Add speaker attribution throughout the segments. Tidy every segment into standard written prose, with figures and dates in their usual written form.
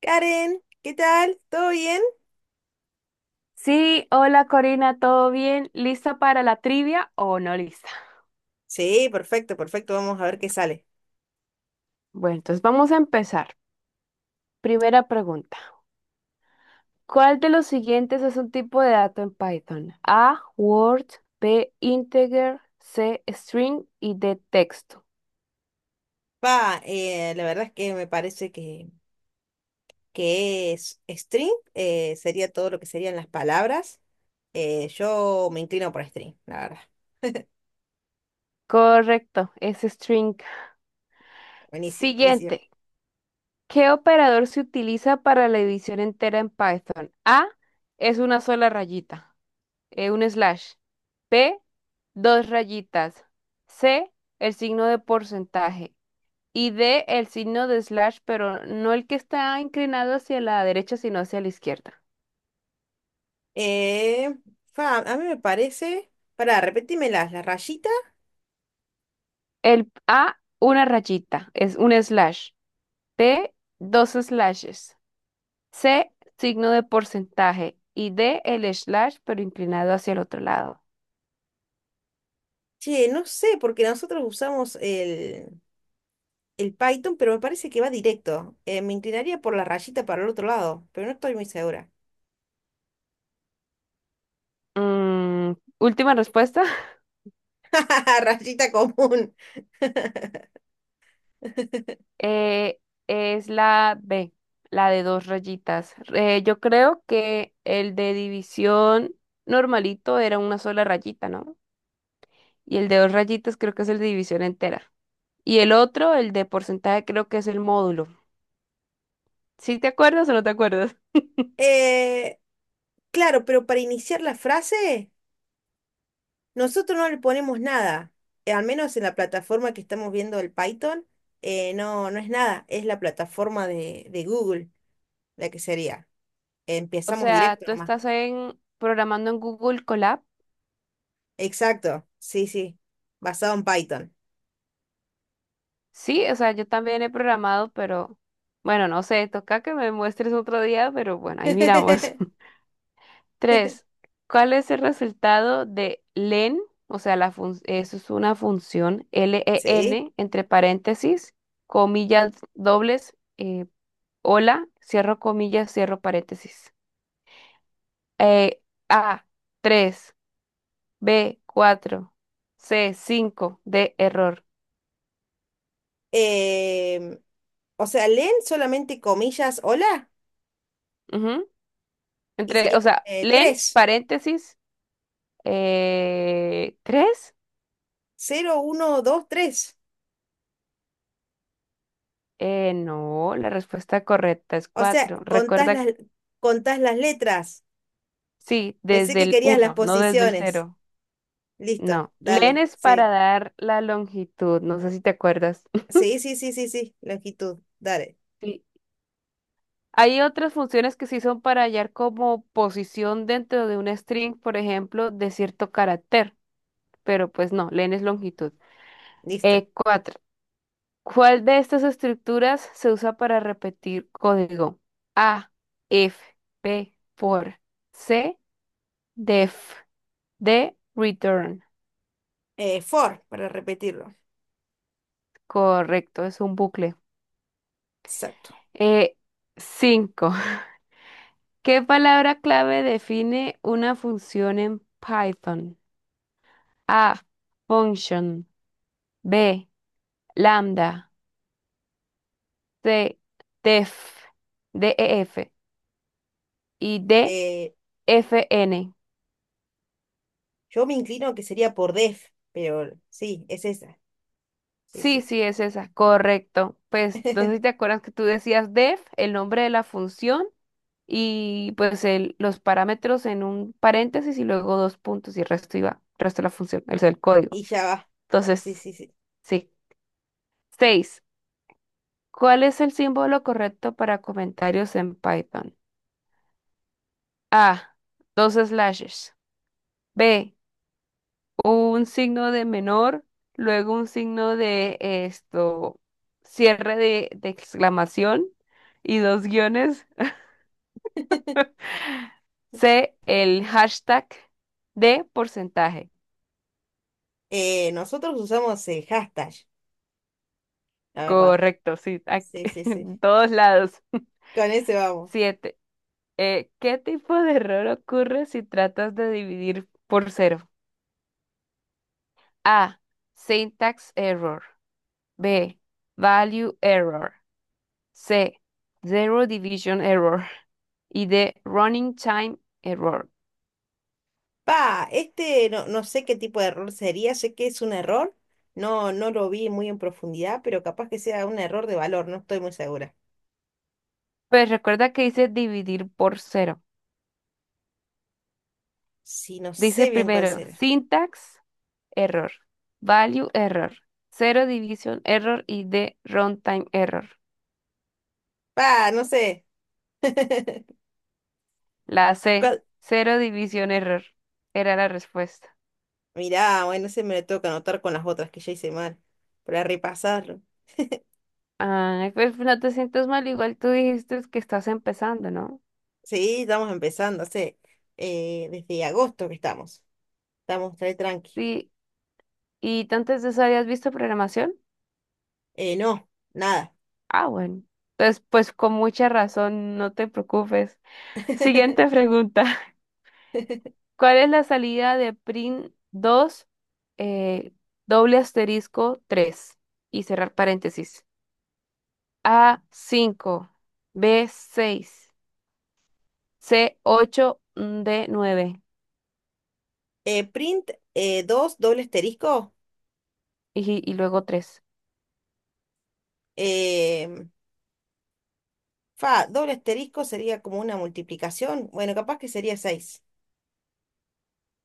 Speaker 1: Karen, ¿qué tal? ¿Todo bien?
Speaker 2: Sí, hola Corina, ¿todo bien? ¿Lista para la trivia o no lista?
Speaker 1: Sí, perfecto, perfecto. Vamos a ver qué sale.
Speaker 2: Bueno, entonces vamos a empezar. Primera pregunta. ¿Cuál de los siguientes es un tipo de dato en Python? A, Word, B, integer, C, string y D, texto.
Speaker 1: Pa, la verdad es que me parece que es string, sería todo lo que serían las palabras. Yo me inclino por string, la verdad.
Speaker 2: Correcto, es string.
Speaker 1: Buenísimo, buenísimo.
Speaker 2: Siguiente. ¿Qué operador se utiliza para la división entera en Python? A, es una sola rayita, un slash. P, dos rayitas. C, el signo de porcentaje. Y D, el signo de slash, pero no el que está inclinado hacia la derecha, sino hacia la izquierda.
Speaker 1: Eh, Fa, a mí me parece. Pará, repetime las rayitas.
Speaker 2: El A, una rayita, es un slash. P, dos slashes. C, signo de porcentaje. Y D, el slash, pero inclinado hacia el otro lado.
Speaker 1: Che, no sé, porque nosotros usamos el Python, pero me parece que va directo. Me inclinaría por la rayita para el otro lado, pero no estoy muy segura.
Speaker 2: Mm, última respuesta.
Speaker 1: Rayita común.
Speaker 2: Eh, es la B, la de dos rayitas. Yo creo que el de división normalito era una sola rayita, ¿no? Y el de dos rayitas creo que es el de división entera. Y el otro, el de porcentaje, creo que es el módulo. ¿Sí te acuerdas o no te acuerdas?
Speaker 1: Eh, claro, pero para iniciar la frase, nosotros no le ponemos nada. Al menos en la plataforma que estamos viendo el Python, no, no es nada. Es la plataforma de Google, la que sería.
Speaker 2: O
Speaker 1: Empezamos
Speaker 2: sea,
Speaker 1: directo
Speaker 2: tú
Speaker 1: nomás.
Speaker 2: estás en programando en Google Colab.
Speaker 1: Exacto, sí, sí. Basado en Python.
Speaker 2: Sí, o sea, yo también he programado, pero bueno, no sé, toca que me muestres otro día, pero bueno, ahí miramos. Tres, ¿cuál es el resultado de len? O sea, la eso es una función
Speaker 1: Sí.
Speaker 2: len entre paréntesis, comillas dobles, hola, cierro comillas, cierro paréntesis. Eh, A, 3. B, 4. C, 5. D, error.
Speaker 1: Em, o sea, leen solamente comillas, hola,
Speaker 2: Ujú.
Speaker 1: y
Speaker 2: Entre,
Speaker 1: sería
Speaker 2: o sea, len,
Speaker 1: 3,
Speaker 2: paréntesis, 3.
Speaker 1: 0, 1, 2, 3.
Speaker 2: No, la respuesta correcta es
Speaker 1: O sea,
Speaker 2: 4. Recuerda.
Speaker 1: contás las letras.
Speaker 2: Sí,
Speaker 1: Pensé
Speaker 2: desde
Speaker 1: que
Speaker 2: el
Speaker 1: querías las
Speaker 2: uno, no desde el
Speaker 1: posiciones.
Speaker 2: cero.
Speaker 1: Listo,
Speaker 2: No. Len
Speaker 1: dale,
Speaker 2: es para
Speaker 1: sí.
Speaker 2: dar la longitud, no sé si te acuerdas.
Speaker 1: Sí, sí, sí, sí, sí, longitud, dale,
Speaker 2: Sí. Hay otras funciones que sí son para hallar como posición dentro de un string, por ejemplo, de cierto carácter, pero pues no, len es longitud.
Speaker 1: listo.
Speaker 2: E cuatro. ¿Cuál de estas estructuras se usa para repetir código? A, F, B. For, C, def, D, return.
Speaker 1: For, para repetirlo.
Speaker 2: Correcto, es un bucle.
Speaker 1: Exacto.
Speaker 2: Eh, cinco. ¿Qué palabra clave define una función en Python? A. Function. B. Lambda. C. Def. DEF. Y D.
Speaker 1: Eh,
Speaker 2: FN.
Speaker 1: yo me inclino que sería por def, pero sí, es esa. Sí,
Speaker 2: Sí,
Speaker 1: sí.
Speaker 2: sí, es esa. Correcto. Pues no sé si te acuerdas que tú decías def, el nombre de la función y pues los parámetros en un paréntesis y luego dos puntos y el resto iba, el resto de la función, el
Speaker 1: Y
Speaker 2: código.
Speaker 1: ya va. Sí,
Speaker 2: Entonces,
Speaker 1: sí, sí.
Speaker 2: sí. Seis. ¿Cuál es el símbolo correcto para comentarios en Python? A. Dos slashes. B. Un signo de menor, luego un signo de esto, cierre de exclamación y dos guiones. C. El hashtag. D. Porcentaje.
Speaker 1: Nosotros usamos el hashtag, la verdad.
Speaker 2: Correcto, sí, aquí,
Speaker 1: Sí, sí, sí.
Speaker 2: en todos lados.
Speaker 1: Con ese vamos.
Speaker 2: Siete. ¿Qué tipo de error ocurre si tratas de dividir por cero? A. Syntax error. B. Value error. C. Zero division error. Y D. Running time error.
Speaker 1: Pa, este no, no sé qué tipo de error sería, sé que es un error, no, no lo vi muy en profundidad, pero capaz que sea un error de valor, no estoy muy segura.
Speaker 2: Pues recuerda que dice dividir por cero.
Speaker 1: Sí, no
Speaker 2: Dice
Speaker 1: sé bien cuál
Speaker 2: primero
Speaker 1: será.
Speaker 2: syntax error, value error, zero division error y D. Runtime error.
Speaker 1: Pa, no sé.
Speaker 2: La C.
Speaker 1: ¿Cuál?
Speaker 2: Zero division error. Era la respuesta.
Speaker 1: Mirá, bueno, se me lo tengo que anotar con las otras que ya hice mal, para repasarlo.
Speaker 2: Ay, pues no te sientas mal, igual tú dijiste que estás empezando, ¿no?
Speaker 1: Sí, estamos empezando, hace desde agosto que estamos. Estamos re tranqui.
Speaker 2: Sí. ¿Y tú antes de eso habías visto programación?
Speaker 1: No, nada.
Speaker 2: Ah, bueno. Entonces, pues con mucha razón, no te preocupes. Siguiente pregunta. ¿Cuál es la salida de print 2 eh, doble asterisco 3 y cerrar paréntesis? A cinco, b seis, c ocho, d nueve.
Speaker 1: Print dos doble asterisco.
Speaker 2: Y luego tres.
Speaker 1: eh, Fa, doble asterisco sería como una multiplicación. Bueno, capaz que sería 6.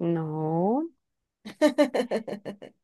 Speaker 2: No.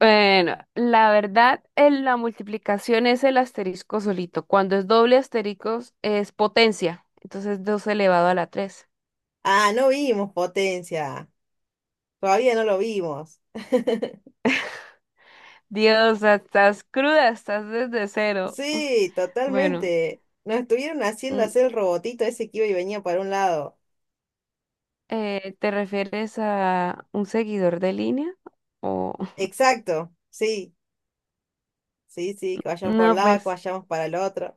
Speaker 2: Bueno, la verdad, en la multiplicación es el asterisco solito. Cuando es doble asterisco es potencia. Entonces 2 elevado a la 3.
Speaker 1: Ah, no vimos potencia. Todavía no lo vimos.
Speaker 2: Dios, estás cruda, estás desde cero.
Speaker 1: Sí,
Speaker 2: Bueno,
Speaker 1: totalmente. Nos estuvieron haciendo
Speaker 2: mm,
Speaker 1: hacer el robotito ese que iba y venía para un lado.
Speaker 2: ¿te refieres a un seguidor de línea? O
Speaker 1: Exacto. Sí, sí, sí, que vayamos para un
Speaker 2: no,
Speaker 1: lado, que
Speaker 2: pues,
Speaker 1: vayamos para el otro.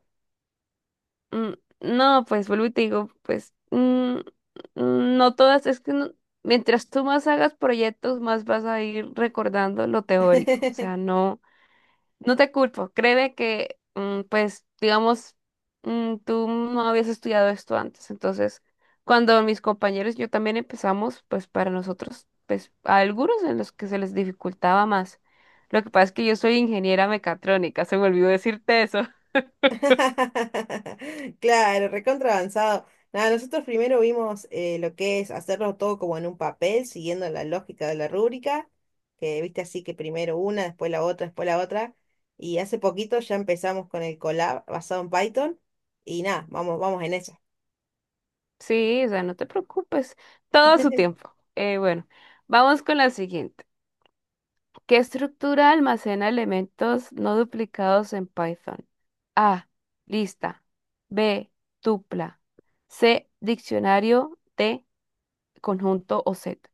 Speaker 2: mm, no, pues vuelvo y te digo, pues, no todas, es que mientras tú más hagas proyectos, más vas a ir recordando lo teórico. O sea, no. No te culpo, créeme que, pues, digamos, tú no habías estudiado esto antes, entonces, cuando mis compañeros y yo también empezamos, pues, para nosotros, pues, a algunos en los que se les dificultaba más. Lo que pasa es que yo soy ingeniera mecatrónica, se me olvidó decirte eso.
Speaker 1: Claro, recontra avanzado. Nada, nosotros primero vimos lo que es hacerlo todo como en un papel, siguiendo la lógica de la rúbrica, que viste así que primero una, después la otra, después la otra. Y hace poquito ya empezamos con el collab basado en Python. Y nada, vamos, vamos en eso.
Speaker 2: Sí, o sea, no te preocupes, todo a su tiempo. Bueno, vamos con la siguiente. ¿Qué estructura almacena elementos no duplicados en Python? A. Lista. B. Tupla. C. Diccionario. D. Conjunto o set.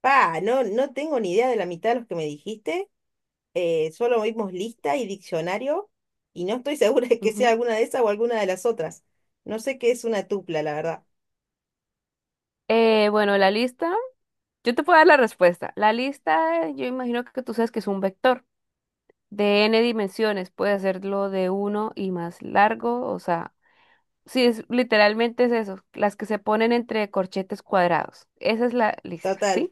Speaker 1: Pa, no, no tengo ni idea de la mitad de los que me dijiste. Solo vimos lista y diccionario, y no estoy segura de que sea
Speaker 2: Ujú.
Speaker 1: alguna de esas o alguna de las otras. No sé qué es una tupla, la verdad.
Speaker 2: Bueno, la lista, yo te puedo dar la respuesta. La lista, yo imagino que tú sabes que es un vector de n dimensiones. Puede hacerlo de uno y más largo, o sea, sí, es, literalmente es eso, las que se ponen entre corchetes cuadrados. Esa es la lista,
Speaker 1: Total,
Speaker 2: ¿sí?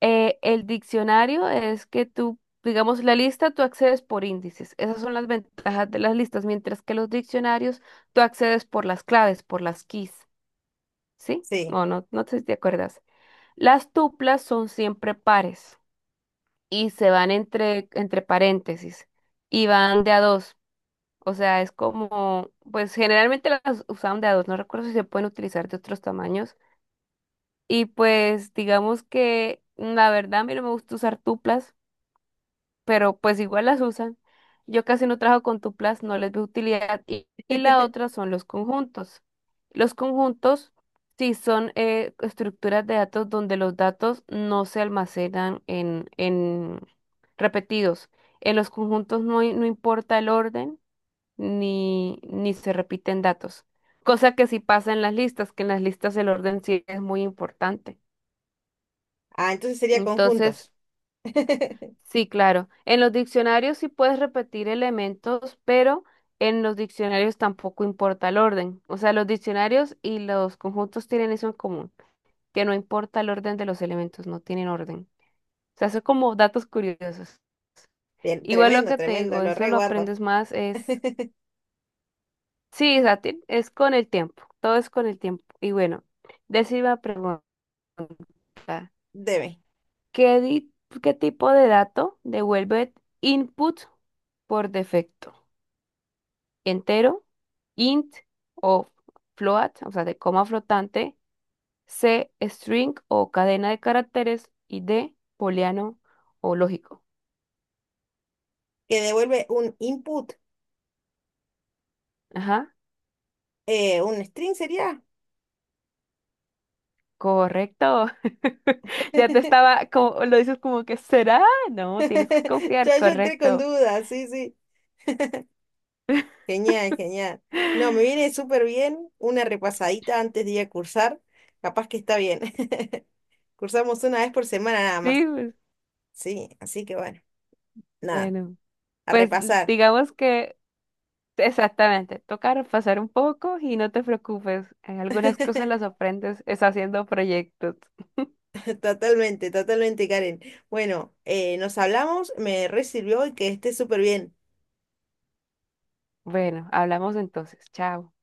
Speaker 2: El diccionario es que tú, digamos, la lista tú accedes por índices. Esas son las ventajas de las listas, mientras que los diccionarios tú accedes por las claves, por las keys, ¿sí?
Speaker 1: sí.
Speaker 2: O no, no sé si te acuerdas. Las tuplas son siempre pares y se van entre paréntesis y van de a dos. O sea, es como, pues generalmente las usaban de a dos, no recuerdo si se pueden utilizar de otros tamaños. Y pues digamos que la verdad a mí no me gusta usar tuplas, pero pues igual las usan. Yo casi no trabajo con tuplas, no les veo utilidad. Y la otra son los conjuntos. Los conjuntos sí son estructuras de datos donde los datos no se almacenan en repetidos. En los conjuntos no, no importa el orden ni se repiten datos. Cosa que sí pasa en las listas, que en las listas el orden sí es muy importante.
Speaker 1: Ah, entonces sería
Speaker 2: Entonces,
Speaker 1: conjuntos. Te-
Speaker 2: sí, claro. En los diccionarios sí puedes repetir elementos, pero en los diccionarios tampoco importa el orden. O sea, los diccionarios y los conjuntos tienen eso en común, que no importa el orden de los elementos, no tienen orden. O sea, son como datos curiosos. Igual lo
Speaker 1: Tremendo,
Speaker 2: que te
Speaker 1: tremendo,
Speaker 2: digo,
Speaker 1: lo
Speaker 2: eso lo
Speaker 1: reguardo.
Speaker 2: aprendes más es... Sí, Sati, es con el tiempo, todo es con el tiempo. Y bueno, decime la pregunta,
Speaker 1: Deme.
Speaker 2: ¿qué, qué tipo de dato devuelve input por defecto? Entero, int o float, o sea, de coma flotante, c, string o cadena de caracteres y d, booleano o lógico.
Speaker 1: Que devuelve un input,
Speaker 2: Ajá,
Speaker 1: un string sería.
Speaker 2: correcto. Ya te estaba, como, lo dices como que será, no, tienes que confiar,
Speaker 1: Ya yo entré con
Speaker 2: correcto.
Speaker 1: dudas, sí, sí. Genial, genial. No, me viene súper bien una repasadita antes de ir a cursar. Capaz que está bien. Cursamos una vez por semana nada
Speaker 2: Sí,
Speaker 1: más.
Speaker 2: pues,
Speaker 1: Sí, así que bueno, nada,
Speaker 2: bueno,
Speaker 1: a
Speaker 2: pues
Speaker 1: repasar.
Speaker 2: digamos que exactamente, toca repasar un poco y no te preocupes, algunas cosas las aprendes es haciendo proyectos.
Speaker 1: Totalmente, totalmente, Karen. Bueno, nos hablamos, me recibió y que esté súper bien.
Speaker 2: Bueno, hablamos entonces. Chao.